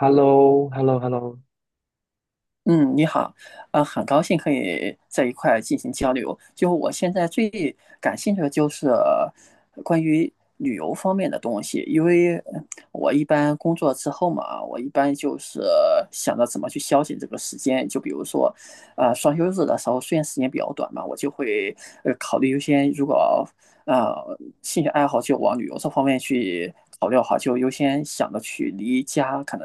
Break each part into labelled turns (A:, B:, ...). A: h e l l o h e l l o h e l l o
B: 嗯你好。很高兴可以在一块儿进行交流。就我现在最感兴趣的就是关于旅游方面的东西，因为我一般工作之后嘛，我一般就是想着怎么去消遣这个时间。就比如说，双休日的时候，虽然时间比较短嘛，我就会考虑优先。如果兴趣爱好就往旅游这方面去考虑的话，就优先想着去离家可能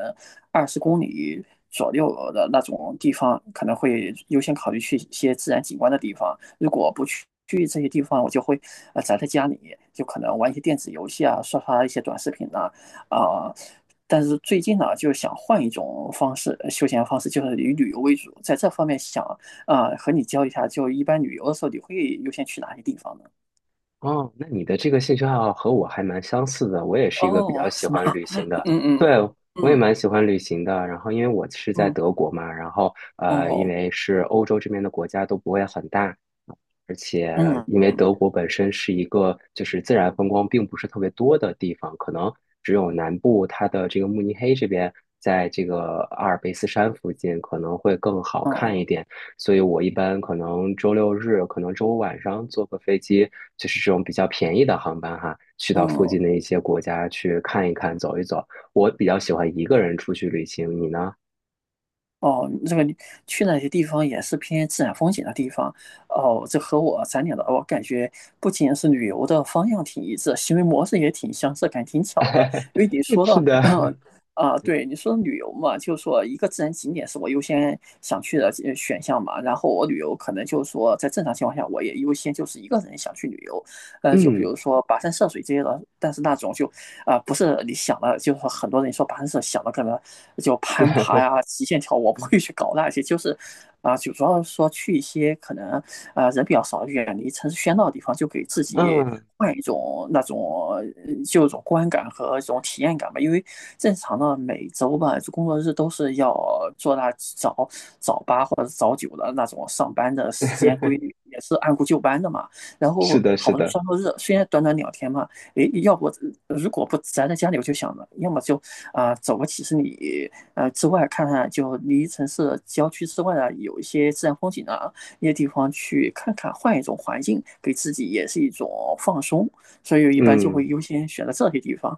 B: 20公里左右的那种地方，可能会优先考虑去一些自然景观的地方。如果不去这些地方，我就会宅在家里，就可能玩一些电子游戏啊，刷刷一些短视频呐、啊，但是最近呢，就是想换一种方式，休闲方式，就是以旅游为主。在这方面想，和你交流一下，就一般旅游的时候，你会优先去哪些地方呢？
A: 哦，那你的这个兴趣爱好和我还蛮相似的，我也是一个比较
B: 哦，
A: 喜
B: 是吗？
A: 欢旅行 的，
B: 嗯嗯
A: 对，
B: 嗯
A: 我也蛮喜欢旅行的。然后因为我是在
B: 嗯，
A: 德国嘛，然后因
B: 哦，
A: 为是欧洲这边的国家都不会很大，而且
B: 嗯
A: 因为
B: 嗯，
A: 德国本身是一个就是自然风光并不是特别多的地方，可能只有南部它的这个慕尼黑这边，在这个阿尔卑斯山附近可能会更好看一
B: 哦，
A: 点。所以我一般可能周六日，可能周五晚上坐个飞机，就是这种比较便宜的航班哈，去到附
B: 嗯。
A: 近的一些国家去看一看、走一走。我比较喜欢一个人出去旅行，你呢？
B: 哦，这个去那些地方也是偏自然风景的地方。哦，这和我咱俩的我感觉不仅是旅游的方向挺一致，行为模式也挺相似，感觉挺巧的。因为你 说
A: 是
B: 到，
A: 的，
B: 啊，对，你说旅游嘛，就是说一个自然景点是我优先想去的选项嘛。然后我旅游可能就是说在正常情况下，我也优先就是一个人想去旅游，就比
A: 嗯，
B: 如说跋山涉水这些的。但是那种就不是你想的，就是说很多人说攀石想的可能就攀爬呀、极限跳，我不会去搞那些，就是就主要是说去一些可能人比较少、远离城市喧闹的地方，就给自己
A: 嗯。
B: 换一种那种呃就一种观感和一种体验感吧。因为正常的每周吧，就工作日都是要做那早八或者早9的那种上班的时间规 律，也是按部就班的嘛。然
A: 是
B: 后
A: 的，
B: 好
A: 是
B: 不容易
A: 的，
B: 双休日，虽然短短2天嘛，诶，要不如果不宅在家里，我就想着，要么就走个几十里之外，看看就离城市郊区之外啊，有一些自然风景啊，一些地方去看看，换一种环境，给自己也是一种放松。所以一般就会
A: 嗯，
B: 优先选择这些地方。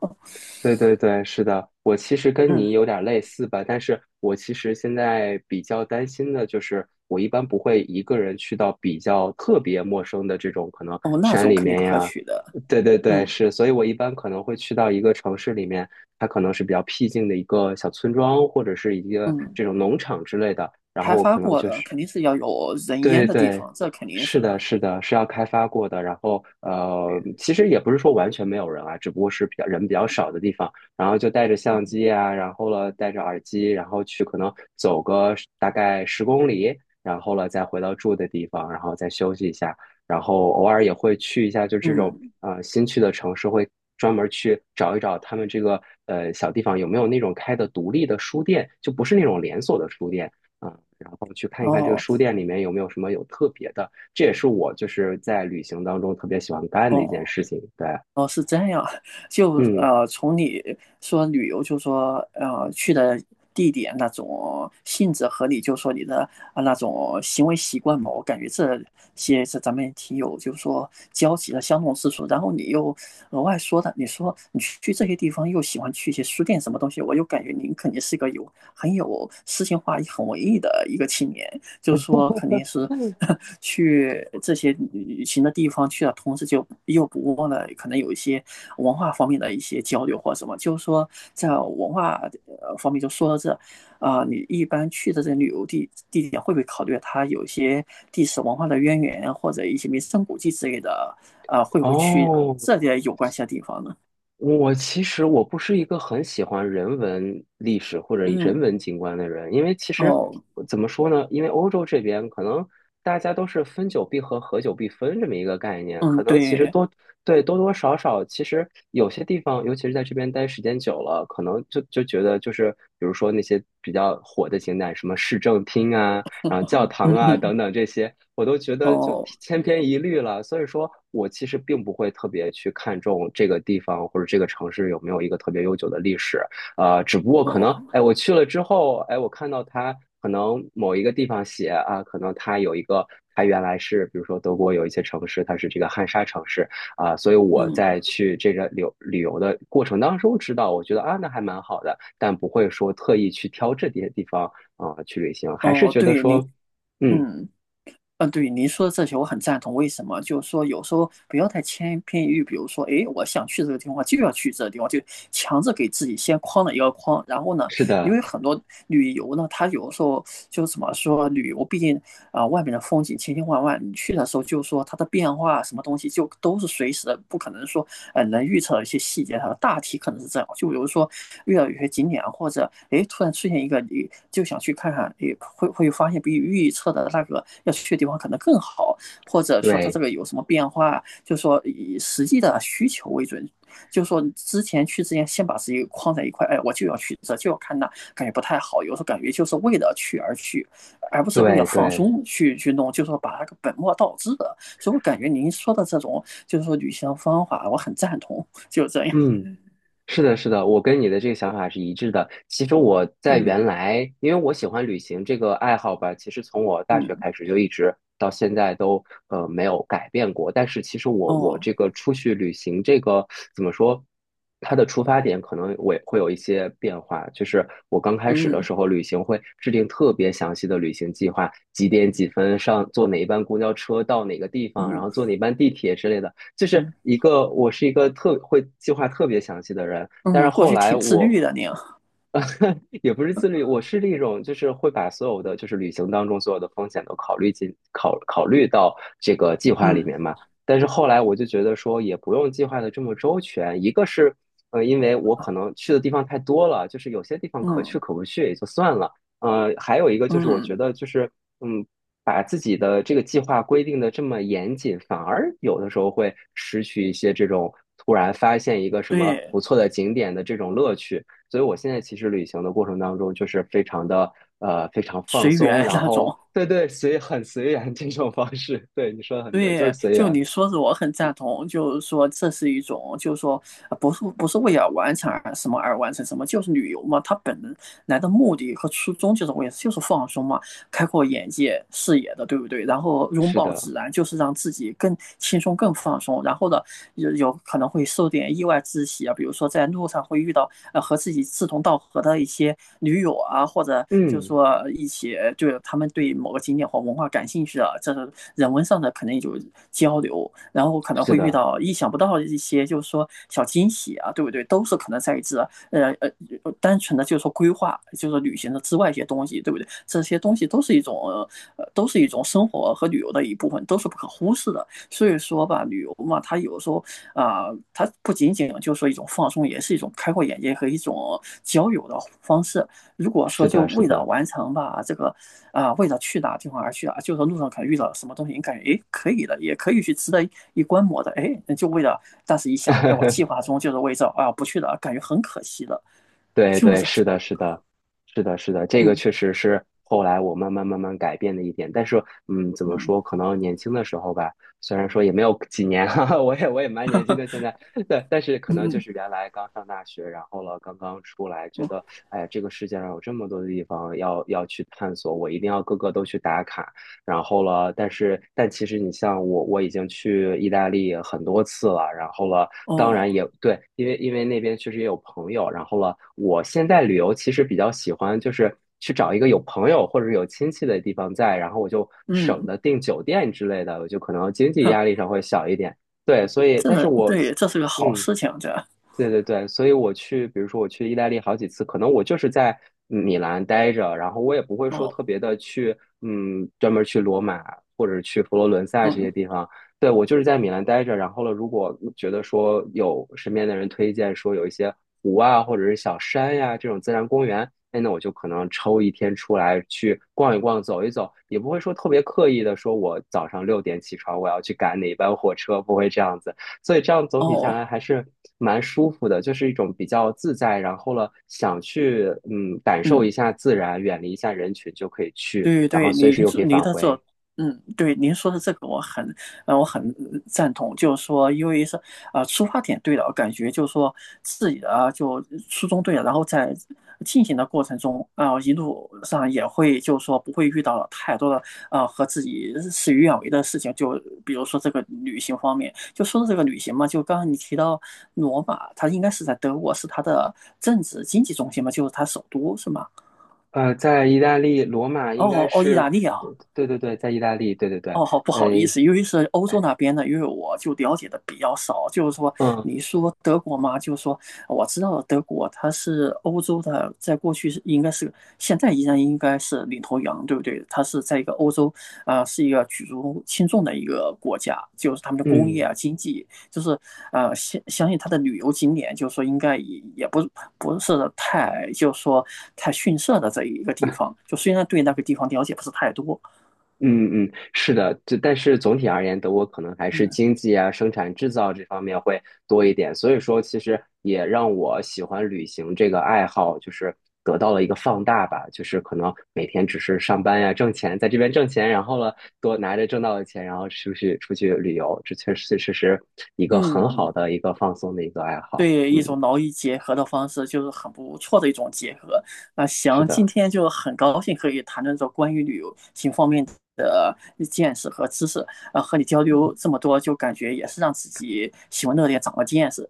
A: 对对对，是的。我其实跟
B: 嗯，
A: 你有点类似吧，但是我其实现在比较担心的就是，我一般不会一个人去到比较特别陌生的这种可能
B: 哦，那
A: 山
B: 种
A: 里
B: 肯定
A: 面
B: 不可
A: 呀。
B: 取的。
A: 对对对，
B: 嗯
A: 是，所以我一般可能会去到一个城市里面，它可能是比较僻静的一个小村庄，或者是一个
B: 嗯，
A: 这种农场之类的，然
B: 开
A: 后我
B: 发
A: 可能
B: 过
A: 就
B: 的
A: 是
B: 肯定是要有人烟
A: 对
B: 的地
A: 对，
B: 方，这肯定
A: 是
B: 是
A: 的，
B: 的。
A: 是的，是要开发过的。然后，
B: 对，
A: 其实也不是说完全没有人啊，只不过是比较人比较少的地方。然后就带着相机啊，然后了带着耳机，然后去可能走个大概10公里，然后了再回到住的地方，然后再休息一下。然后偶尔也会去一下，就这种
B: 嗯，
A: 新去的城市，会专门去找一找他们这个小地方有没有那种开的独立的书店，就不是那种连锁的书店。嗯，然后去看一看这个书
B: 哦
A: 店里面有没有什么有特别的，这也是我就是在旅行当中特别喜欢干的一
B: 哦。
A: 件事情。对，
B: 哦，是这样，就
A: 嗯，
B: 从你说旅游，就说去的地点那种性质和你就说你的那种行为习惯嘛，我感觉这些是咱们也挺有就是说交集的相同之处。然后你又额外说的，你说你去这些地方又喜欢去一些书店什么东西，我又感觉您肯定是一个有很有诗情画意、很文艺的一个青年。就是说肯定是 去这些旅行的地方去了，同时就又不忘了可能有一些文化方面的一些交流或什么。就是说在文化方面就说到这，你一般去的这旅游地地点会不会考虑它有一些历史文化的渊源或者一些名胜古迹之类的？会不会去
A: 哦，
B: 这些有关系的地方呢？
A: 我其实我不是一个很喜欢人文历史或者人
B: 嗯，
A: 文景观的人，因为其实
B: 哦，
A: 怎么说呢？因为欧洲这边可能大家都是分久必合，合久必分这么一个概念，可
B: 嗯，
A: 能其实
B: 对，
A: 多多少少，其实有些地方，尤其是在这边待时间久了，可能就觉得就是比如说那些比较火的景点，什么市政厅啊，然后教堂
B: 嗯
A: 啊
B: 嗯，
A: 等等这些，我都觉得就
B: 哦
A: 千篇一律了。所以说我其实并不会特别去看重这个地方或者这个城市有没有一个特别悠久的历史，只不过可
B: 哦，
A: 能，哎，我去了之后，哎，我看到它可能某一个地方写啊，可能它有一个。它原来是，比如说德国有一些城市，它是这个汉莎城市啊，所以我
B: 嗯，
A: 在去这个旅游的过程当中知道，我觉得啊，那还蛮好的，但不会说特意去挑这些地方去旅行，还是
B: 哦，
A: 觉得
B: 对，您，
A: 说，嗯，
B: 嗯。嗯，对，您说的这些我很赞同。为什么？就是说，有时候不要太千篇一律。比如说，诶，我想去这个地方，就要去这个地方，就强制给自己先框了一个框。然后呢，
A: 是
B: 因
A: 的，
B: 为很多旅游呢，它有时候就怎么说，旅游毕竟啊、外面的风景千千万万，你去的时候就说它的变化什么东西就都是随时的，不可能说能预测一些细节，它的大体可能是这样。就比如说遇到有些景点或者哎突然出现一个你就想去看看，你会会发现比预测的那个要去的地方可能更好，或者说它这
A: 对
B: 个有什么变化，就是说以实际的需求为准。就是说之前去之前，先把自己框在一块，哎，我就要去这，就要看那，感觉不太好。有时候感觉就是为了去而去，而不是为了
A: 对
B: 放
A: 对，
B: 松去弄，就是说把那个本末倒置的。所以我感觉您说的这种就是说旅行的方法，我很赞同，就这样。
A: 嗯，是的，是的，我跟你的这个想法是一致的。其实我在原
B: 嗯
A: 来，因为我喜欢旅行这个爱好吧，其实从我大学
B: 嗯，
A: 开始就一直到现在都没有改变过。但是其实我
B: 哦，
A: 这个出去旅行这个怎么说，它的出发点可能我也会有一些变化。就是我刚开始的
B: 嗯
A: 时候，旅行会制定特别详细的旅行计划，几点几分上坐哪一班公交车到哪个地方，然后
B: 嗯
A: 坐哪班地铁之类的。就是
B: 嗯
A: 一个我是一个特会计划特别详细的人，但是
B: 嗯，过
A: 后
B: 去
A: 来
B: 挺自
A: 我
B: 律的您啊。
A: 也不是自律，我是那种就是会把所有的就是旅行当中所有的风险都考虑进考虑到这个计划里面嘛。
B: 嗯
A: 但是后来我就觉得说也不用计划的这么周全，一个是因为我可能去的地方太多了，就是有些地方可去
B: 嗯
A: 可不去也就算了，还有一个就是我觉
B: 嗯，
A: 得就是嗯把自己的这个计划规定的这么严谨，反而有的时候会失去一些这种突然发现一个什么
B: 对，
A: 不错的景点的这种乐趣。所以我现在其实旅行的过程当中，就是非常的非常放
B: 随
A: 松，
B: 缘
A: 然
B: 那
A: 后
B: 种。
A: 对对，随很随缘这种方式。对，你说的很对，就是
B: 对，
A: 随
B: 就
A: 缘。
B: 你说的，我很赞同。就是说，这是一种，就是说，不是不是为了完成而什么而完成什么，就是旅游嘛。它本来的目的和初衷就是为，就是放松嘛，开阔眼界、视野的，对不对？然后拥
A: 是
B: 抱
A: 的，
B: 自然，就是让自己更轻松、更放松。然后呢，有有可能会受点意外之喜啊，比如说在路上会遇到和自己志同道合的一些驴友啊，或者就是
A: 嗯，
B: 说一起就是他们对某个景点或文化感兴趣的，这是人文上的可能有交流，然后可能
A: 是
B: 会遇
A: 的，
B: 到意想不到的一些就是说小惊喜啊，对不对？都是可能在这呃呃单纯的就是说规划就是旅行的之外一些东西，对不对？这些东西都是一种都是一种生活和旅游的一部分，都是不可忽视的。所以说吧，旅游嘛，它有时候它不仅仅就是说一种放松，也是一种开阔眼界和一种交友的方式。如果
A: 是
B: 说就
A: 的，是
B: 为了
A: 的。
B: 完成吧，这个为了去哪地方而去啊，就是路上可能遇到什么东西，你感觉诶可以的，也可以去值得一观摩的。诶，那就为了，但是一想，哎，我计划中就是为这，啊，不去了，感觉很可惜的，
A: 对
B: 就
A: 对，
B: 是这
A: 是
B: 种。
A: 的，是的，是的，是的，这个
B: 嗯
A: 确实是后来我慢慢慢慢改变的一点。但是，嗯，怎么
B: 嗯
A: 说？可能年轻的时候吧，虽然说也没有几年，哈哈，我也蛮年轻的现在，对，但是可
B: 嗯
A: 能就
B: 嗯
A: 是原来刚上大学，然后了刚刚出来，觉
B: 嗯，
A: 得哎呀，这个世界上有这么多的地方要去探索，我一定要各个都去打卡。然后了，但是但其实你像我，我已经去意大利很多次了，然后了，当
B: 哦，
A: 然也对，因为因为那边确实也有朋友，然后了，我现在旅游其实比较喜欢就是去找一个有朋友或者有亲戚的地方在，然后我就省
B: 嗯，
A: 得订酒店之类的，我就可能经济
B: 哼，
A: 压力上会小一点。对，所以但是
B: 这
A: 我，
B: 对，这是个好
A: 嗯。
B: 事情，这，
A: 对对对，所以我去，比如说我去意大利好几次，可能我就是在米兰待着，然后我也不会说
B: 哦，
A: 特别的去，嗯，专门去罗马或者去佛罗伦萨这些
B: 嗯。
A: 地方。对，我就是在米兰待着，然后呢，如果觉得说有身边的人推荐说有一些湖啊，或者是小山呀、这种自然公园，哎，那我就可能抽一天出来去逛一逛、走一走，也不会说特别刻意的说我早上6点起床，我要去赶哪班火车，不会这样子。所以这样总体下
B: 哦，
A: 来还是蛮舒服的，就是一种比较自在，然后了想去嗯感受
B: 嗯，
A: 一下自然，远离一下人群就可以去，
B: 对
A: 然后
B: 对，
A: 随时
B: 您
A: 又可
B: 这
A: 以
B: 您
A: 返
B: 的这，
A: 回。
B: 嗯，对，您说的这个我很赞同，就是说，因为是，出发点对了，感觉就是说自己的就初衷对了，然后在进行的过程中，一路上也会就是说不会遇到太多的和自己事与愿违的事情。就比如说这个旅行方面，就说到这个旅行嘛，就刚刚你提到罗马，它应该是在德国，是它的政治经济中心嘛，就是它首都，是吗？
A: 在意大利罗马应该
B: 哦哦，意
A: 是，
B: 大利啊。
A: 对对对，在意大利，对对对，
B: 哦，好不好意
A: 哎，
B: 思，因为是欧洲那边的，因为我就了解的比较少。就是说，
A: 嗯
B: 你说德国嘛，就是说我知道德国它是欧洲的，在过去是应该是，现在依然应该是领头羊，对不对？它是在一个欧洲，啊，是一个举足轻重的一个国家，就是他们的工业
A: 嗯。
B: 啊、经济，就是相信它的旅游景点，就是说应该也不是太，就是说太逊色的这一个地方。就虽然对那个地方了解不是太多。
A: 嗯嗯，是的，这但是总体而言，德国可能还是
B: 嗯
A: 经济啊、生产制造这方面会多一点，所以说其实也让我喜欢旅行这个爱好，就是得到了一个放大吧，就是可能每天只是上班呀、挣钱，在这边挣钱，然后呢，多拿着挣到的钱，然后出去出去旅游，这确实确实是一个很
B: 嗯，
A: 好的一个放松的一个爱好。
B: 对，
A: 嗯，
B: 一种劳逸结合的方式就是很不错的一种结合。那
A: 是
B: 行，今
A: 的。
B: 天就很高兴可以谈论这关于旅游行方面的见识和知识，和你交流这么多，就感觉也是让自己喜闻乐见，长了见识。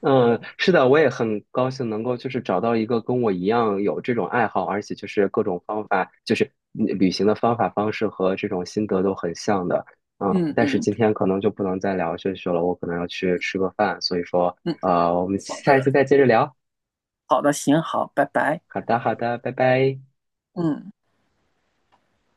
A: 嗯，是的，我也很高兴能够就是找到一个跟我一样有这种爱好，而且就是各种方法，就是嗯旅行的方法、方式和这种心得都很像的。嗯，
B: 嗯
A: 但是
B: 嗯
A: 今天可能就不能再聊下去了，我可能要去吃个饭，所以说，
B: 嗯，
A: 我们
B: 好
A: 下一
B: 的，
A: 次再接着聊。
B: 好的，行，好，拜拜。
A: 好的，好的，拜拜。
B: 嗯。